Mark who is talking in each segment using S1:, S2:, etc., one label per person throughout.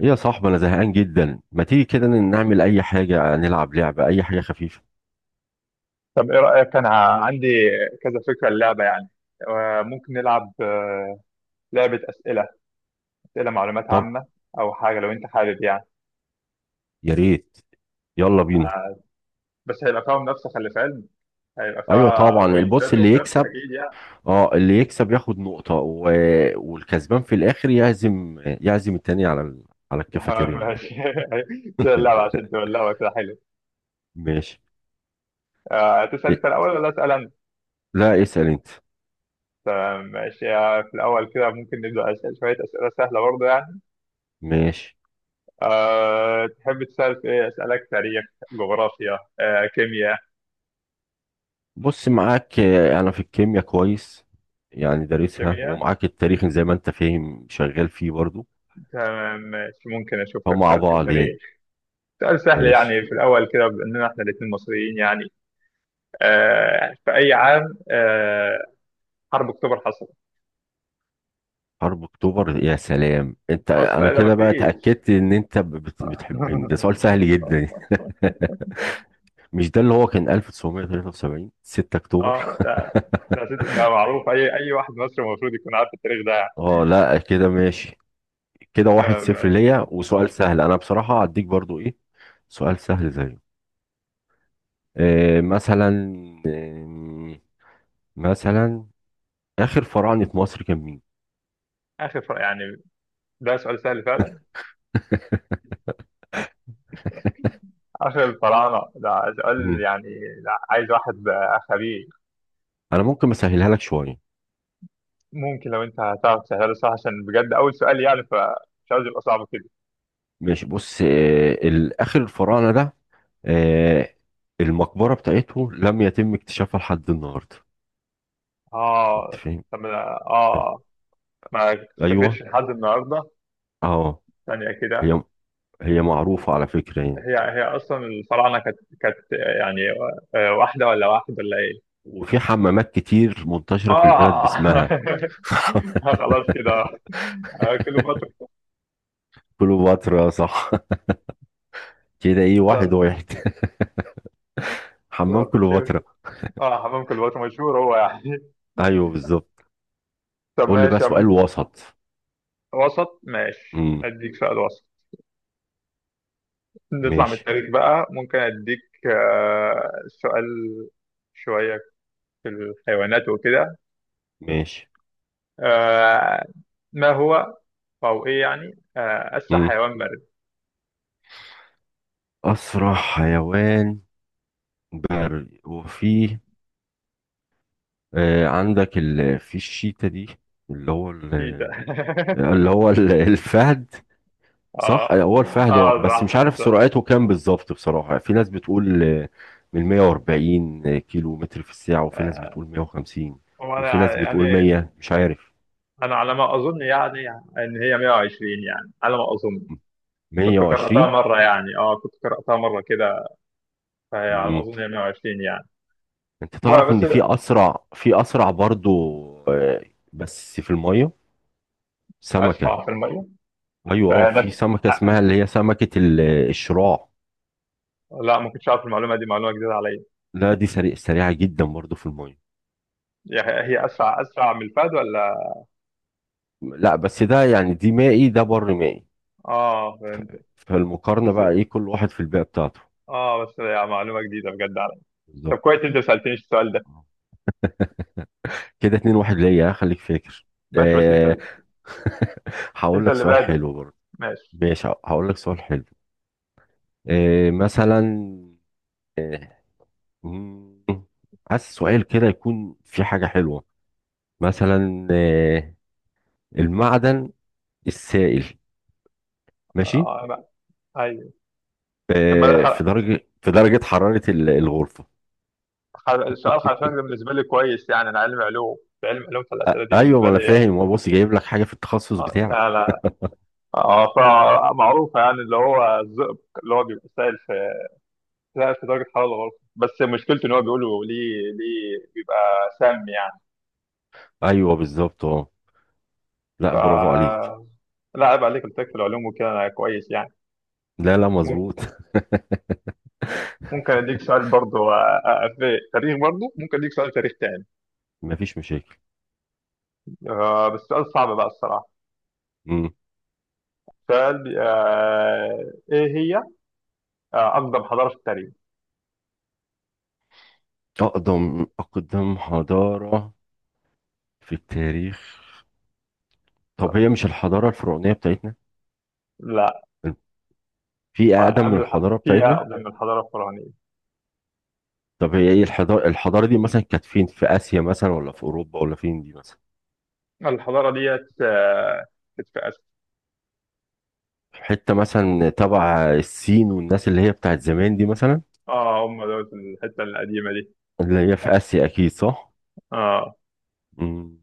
S1: إيه يا صاحبي، انا زهقان جدا. ما تيجي كده نعمل اي حاجه، نلعب لعبه اي حاجه خفيفه.
S2: طب ايه رأيك؟ انا عندي كذا فكرة اللعبة يعني. ممكن نلعب لعبة أسئلة أسئلة معلومات
S1: طب،
S2: عامة، أو حاجة لو أنت حابب يعني.
S1: يا ريت، يلا بينا.
S2: آه، بس هيبقى فيها منافسة، خلي في علمك. هيبقى
S1: ايوه
S2: فيها
S1: طبعا، البص
S2: بوينتات
S1: اللي
S2: ومنافسة
S1: يكسب.
S2: أكيد يعني.
S1: اه، اللي يكسب ياخد نقطه والكسبان في الاخر يعزم التاني على على
S2: تمام،
S1: الكافيتيريا النهارده.
S2: ماشي. كده اللعبة عشان تولعها كده حلو.
S1: ماشي.
S2: تسأل أنت
S1: إيه؟
S2: الأول ولا أسأل أنا؟
S1: لا، اسال انت.
S2: تمام، ماشي. في الأول كده ممكن نبدأ، أسأل شوية أسئلة سهلة برضه يعني.
S1: ماشي،
S2: أه تحب تسأل في إيه؟ أسألك تاريخ، جغرافيا، أه كيمياء؟
S1: بص معاك انا في الكيمياء كويس، يعني دارسها
S2: كيمياء.
S1: ومعاك التاريخ زي ما انت فاهم شغال فيه برضو،
S2: تمام ماشي. ممكن اشوف لك
S1: فمع
S2: سؤال في
S1: بعض يعني.
S2: التاريخ، سؤال سهل
S1: ماشي.
S2: يعني في الاول كده باننا احنا الاثنين مصريين يعني. في اي عام حرب اكتوبر حصلت؟
S1: حرب اكتوبر؟ يا سلام انت،
S2: مصر
S1: انا
S2: قال
S1: كده
S2: ما
S1: بقى
S2: فيش.
S1: اتاكدت ان انت بتحبني. ده سؤال سهل جدا. مش ده اللي هو كان 1973، 6
S2: اه
S1: اكتوبر؟
S2: لا، ده معروف، اي واحد مصري المفروض يكون عارف التاريخ ده يعني.
S1: اه، لا، كده ماشي. كده 1-0
S2: تمام.
S1: ليا، وسؤال سهل انا بصراحه هديك برضو ايه، سؤال سهل زيه. مثلا، آه مثلا، اخر فراعنه مصر كان مين؟
S2: يعني ده سؤال سهل فعلا. اخر الفراعنه ده سؤال
S1: مم.
S2: يعني، ده عايز واحد بقى خبير.
S1: انا ممكن اسهلها لك شويه.
S2: ممكن لو انت هتعرف تسهله، صح، عشان بجد اول سؤال يعني، فمش عايز يبقى صعب كده.
S1: ماشي، بص الآخر الفراعنة ده، آه، المقبرة بتاعته لم يتم اكتشافها لحد النهاردة. انت
S2: اه
S1: فاهم؟
S2: طب
S1: آه،
S2: اه. ما
S1: ايوه
S2: شافتش لحد النهارده؟
S1: اه.
S2: ثانية كده.
S1: هي، هي معروفة على فكرة يعني.
S2: هي اصلا الفراعنة كانت يعني واحدة ولا واحد ولا ايه؟
S1: وفي حمامات كتير منتشرة في البلد
S2: اه.
S1: باسمها.
S2: خلاص كده. كليوباترا.
S1: كليوباترا، صح. كده ايه،
S2: طب.
S1: 1-1. حمام
S2: شوف.
S1: كليوباترا.
S2: اه، حمام كليوباترا مشهور هو يعني.
S1: ايوه بالظبط.
S2: طب
S1: قول لي بقى
S2: ماشي يا عم.
S1: سؤال وسط.
S2: وسط، ماشي،
S1: امم
S2: اديك سؤال وسط. نطلع من
S1: ماشي.
S2: التاريخ بقى. ممكن اديك سؤال شوية في الحيوانات وكده.
S1: ماشي.
S2: آه ما هو أو إيه يعني أسرع
S1: امم
S2: حيوان بري؟
S1: اسرع حيوان بري. وفيه عندك في الشيتا دي، اللي هو ال...
S2: تيتا.
S1: الفهد. صح
S2: آه
S1: هو الفهد. اه بس
S2: صح.
S1: مش عارف
S2: صح.
S1: سرعته كام بالظبط بصراحة. في ناس بتقول من 140 كيلو متر في الساعة، وفي ناس
S2: آه،
S1: بتقول 150، وفي ناس
S2: وأنا يعني
S1: بتقول 100. مش عارف.
S2: أنا على ما أظن يعني إن هي 120 يعني، على ما أظن. كنت قرأتها
S1: 120.
S2: مرة يعني، كنت قرأتها مرة كده، فهي على ما
S1: مم.
S2: أظن هي 120 يعني.
S1: انت
S2: المهم،
S1: تعرف
S2: بس
S1: ان في اسرع برضو، آه، بس في المية، سمكة.
S2: أسرع في المية؟
S1: ايوه في
S2: فنفس.
S1: سمكة اسمها اللي هي سمكة الشراع.
S2: لا، ما كنتش أعرف المعلومة دي، معلومة جديدة عليا.
S1: لا، دي سريعة جدا برضو في المية.
S2: هي أسرع من الفهد ولا؟
S1: لا بس ده يعني، دي مائي، ده بر مائي.
S2: آه فهمت.
S1: فالمقارنة
S2: بس
S1: بقى ايه، كل واحد في البيئة بتاعته.
S2: بس يعني معلومة جديدة بجد. طب
S1: بالظبط.
S2: كويس انت ما سالتنيش السؤال ده.
S1: آه. كده 2-1 ليا، خليك فاكر.
S2: ماشي، بس
S1: أه هقول
S2: انت
S1: لك
S2: اللي
S1: سؤال
S2: بادئ.
S1: حلو برضه.
S2: ماشي.
S1: ماشي، هقول لك سؤال حلو. مثلا، أه مم، عايز سؤال كده يكون في حاجة حلوة. مثلا المعدن السائل. ماشي.
S2: آه لا، ايوه. طب ما ده
S1: في درجة في درجة حرارة الغرفة.
S2: سؤال حرفيا. ده بالنسبه لي كويس يعني، انا علم علوم، في علم علوم فالاسئله دي
S1: ايوه ما
S2: بالنسبه
S1: انا
S2: لي يعني.
S1: فاهم، هو بص جايب لك حاجة في التخصص
S2: اه
S1: بتاعك.
S2: لا، لا. اه فمعروفه يعني، اللي هو الزئبق، اللي هو بيبقى سائل في درجه حراره الغرفه، بس مشكلته ان هو بيقولوا ليه بيبقى سام يعني.
S1: ايوه بالظبط اه. لا،
S2: ف
S1: برافو عليك.
S2: لا عيب عليك، قلت لك في العلوم وكده انا كويس يعني.
S1: لا، لا،
S2: مم-
S1: مظبوط.
S2: ممكن اديك سؤال برضه، في تاريخ برضه. ممكن اديك سؤال تاريخ تاني.
S1: مفيش مشاكل.
S2: آه بس سؤال صعب بقى الصراحة.
S1: مم.
S2: سؤال بي- آه إيه هي أقدم حضارة في التاريخ؟
S1: اقدم حضاره في التاريخ. طب هي مش الحضاره الفرعونيه بتاعتنا؟
S2: لا.
S1: في اقدم من الحضاره
S2: فيها
S1: بتاعتنا؟
S2: قبل من الحضارة الفرعونية.
S1: طب هي ايه الحضاره دي مثلا كانت فين، في اسيا مثلا، ولا في اوروبا، ولا فين دي مثلا؟
S2: الحضارة ديت آه كانت في آسيا.
S1: حته مثلا تبع الصين والناس اللي هي بتاعت زمان دي مثلا،
S2: آه هم دول الحتة القديمة دي.
S1: اللي هي في اسيا، اكيد صح.
S2: آه.
S1: مم.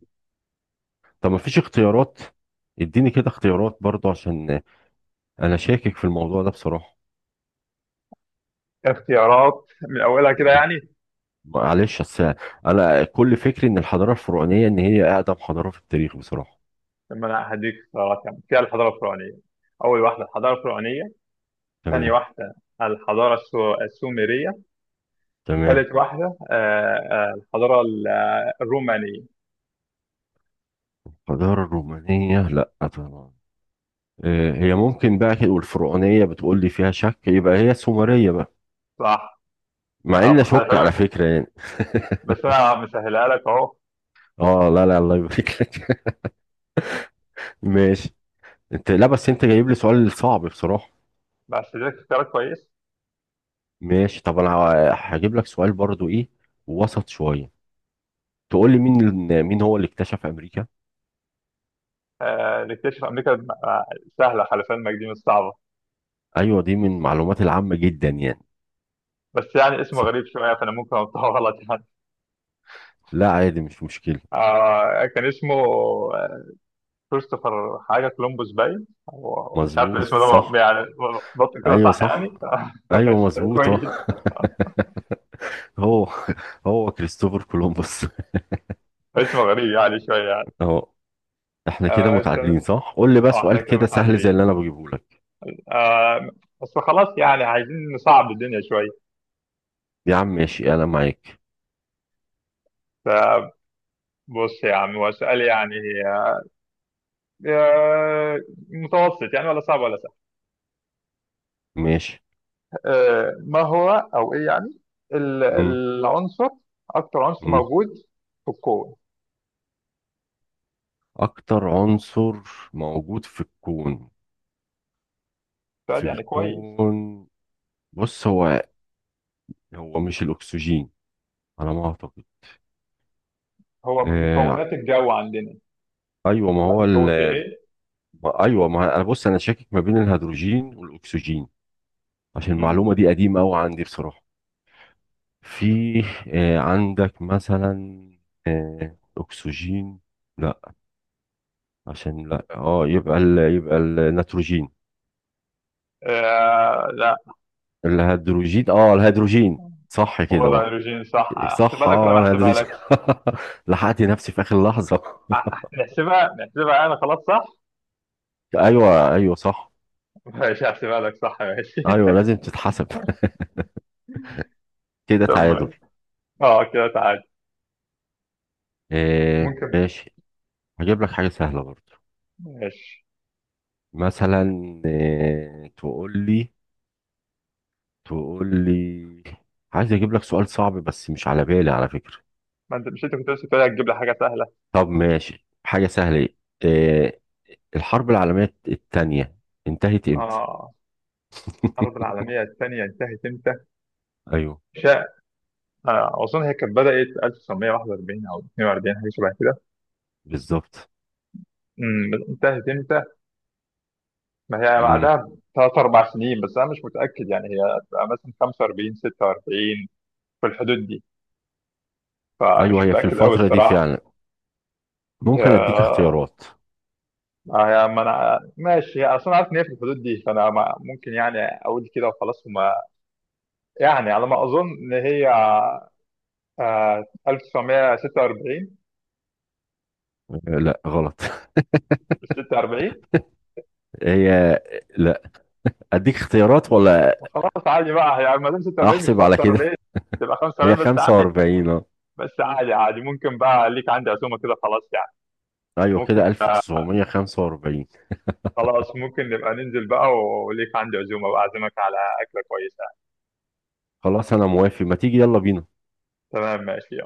S1: طب مفيش اختيارات؟ اديني كده اختيارات برضو عشان انا شاكك في الموضوع ده بصراحه.
S2: اختيارات من أولها كده
S1: مم.
S2: يعني؟
S1: معلش، اصل انا كل فكري ان الحضاره الفرعونيه ان هي اقدم حضاره في التاريخ بصراحه.
S2: لما أنا هديك اختيارات يعني فيها الحضارة الفرعونية. أول واحدة الحضارة الفرعونية، ثاني
S1: تمام.
S2: واحدة الحضارة السومرية،
S1: تمام.
S2: ثالث واحدة الحضارة الرومانية.
S1: الحضاره الرومانيه؟ لا طبعا. هي ممكن بقى كده، والفرعونيه بتقول لي فيها شك، يبقى هي السومريه بقى.
S2: صح.
S1: مع اني
S2: صح. خلي
S1: اشك على
S2: بالك،
S1: فكره يعني.
S2: بس انا مسهلها لك اهو.
S1: اه، لا، لا، الله يبارك لك. ماشي. انت، لا بس انت جايب لي سؤال صعب بصراحه.
S2: بس لك اختيار كويس.
S1: ماشي، طب انا هجيب لك سؤال برضو ايه، وسط شويه. تقول لي مين، مين هو اللي اكتشف امريكا.
S2: آه نكتشف امريكا. سهله خلف علمك، دي مش صعبه.
S1: ايوه دي من المعلومات العامه جدا يعني.
S2: بس يعني اسمه
S1: صح.
S2: غريب شويه، فانا ممكن انطقه غلط يعني.
S1: لا، عادي، مش مشكلة.
S2: آه كان اسمه آه، كريستوفر حاجه كولومبوس. باين هو مش عارف
S1: مظبوط،
S2: الاسم ده
S1: صح.
S2: يعني بط كده
S1: ايوه
S2: صح
S1: صح.
S2: يعني. بس
S1: ايوه مظبوط اه.
S2: كويس.
S1: هو، هو كريستوفر كولومبوس.
S2: اسمه غريب يعني شويه يعني.
S1: اهو. احنا كده
S2: آه إنت-
S1: متعادلين، صح؟ قول لي بقى سؤال
S2: احنا كده
S1: كده سهل زي
S2: متعادلين
S1: اللي انا بجيبه لك.
S2: آه. بس خلاص يعني عايزين نصعب الدنيا شويه.
S1: يا عم ماشي، انا معاك.
S2: فبص يا عم، هو سؤال يعني آه، متوسط يعني، ولا صعب ولا سهل.
S1: ماشي.
S2: آه، ما هو او ايه يعني
S1: مم.
S2: العنصر اكتر عنصر
S1: مم.
S2: موجود في الكون؟
S1: اكتر عنصر موجود في الكون. في
S2: سؤال يعني كويس.
S1: الكون، بص هو، هو مش الاكسجين على ما اعتقد.
S2: هو من
S1: آه.
S2: مكونات الجو عندنا،
S1: ايوه ما
S2: لكن
S1: هو.
S2: الجو في ايه؟
S1: ما، ايوه، ما انا بص، انا شاكك ما بين الهيدروجين والاكسجين، عشان المعلومه
S2: مهم.
S1: دي قديمه قوي عندي بصراحه. في عندك مثلا، اكسجين. لا، عشان لا يبقى يبقى النيتروجين،
S2: آه لا،
S1: الهيدروجين، صح
S2: هو
S1: كده اه.
S2: الهيدروجين صح؟ احسبها
S1: صح
S2: لك ولا ما احسبها
S1: الهيدروجين.
S2: لك؟
S1: لحقت نفسي في اخر لحظه.
S2: نحسبها انا، خلاص صح.
S1: ايوه، ايوه، صح.
S2: ماشي احسبها لك، صح، ماشي.
S1: ايوه لازم تتحسب. كده تعادل.
S2: طب اه كده تعال. ممكن.
S1: ماشي. هجيب لك حاجه سهله برضه.
S2: ماشي.
S1: مثلا آه، تقول لي تقول لي، عايز اجيب لك سؤال صعب بس مش على بالي على فكرة.
S2: ما انت، مش انت كنت لسه بتقول هتجيب لي حاجه سهله.
S1: طب ماشي، حاجة سهلة. آه، الحرب العالمية التانية انتهت امتى؟
S2: اه الحرب العالمية الثانية انتهت امتى؟
S1: ايوه
S2: شاء. أظن هي كانت بدأت 1941 أو 42، حاجة شبه كده.
S1: بالظبط.
S2: انتهت امتى؟ ما هي
S1: مم.
S2: بعدها بثلاث أربع سنين، بس أنا مش متأكد يعني، هي هتبقى مثلا 45 46، في الحدود دي،
S1: ايوه
S2: فمش
S1: هي في
S2: متأكد أوي
S1: الفترة دي
S2: الصراحة.
S1: فعلا.
S2: هي
S1: ممكن اديك
S2: آه،
S1: اختيارات.
S2: ما أنا ماشي، هي أصلا عارف إن هي في الحدود دي، فأنا ممكن يعني أقول كده وخلاص. وما يعني على ما أظن إن هي 1946.
S1: لا غلط.
S2: 46؟
S1: هي. لا، اديك اختيارات ولا؟
S2: خلاص عادي بقى يعني، ما دام 46 مش
S1: احسب على كده.
S2: 45 تبقى
S1: هي
S2: 45 بس عادي.
S1: 45 اه.
S2: عادي، ممكن بقى ليك عندي عزومه كده، خلاص يعني.
S1: ايوه
S2: ممكن.
S1: كده 1945.
S2: خلاص ممكن نبقى ننزل بقى، وليك عندي عزومه واعزمك على اكله كويسه.
S1: خلاص، انا موافق، ما تيجي يلا بينا.
S2: تمام ماشي.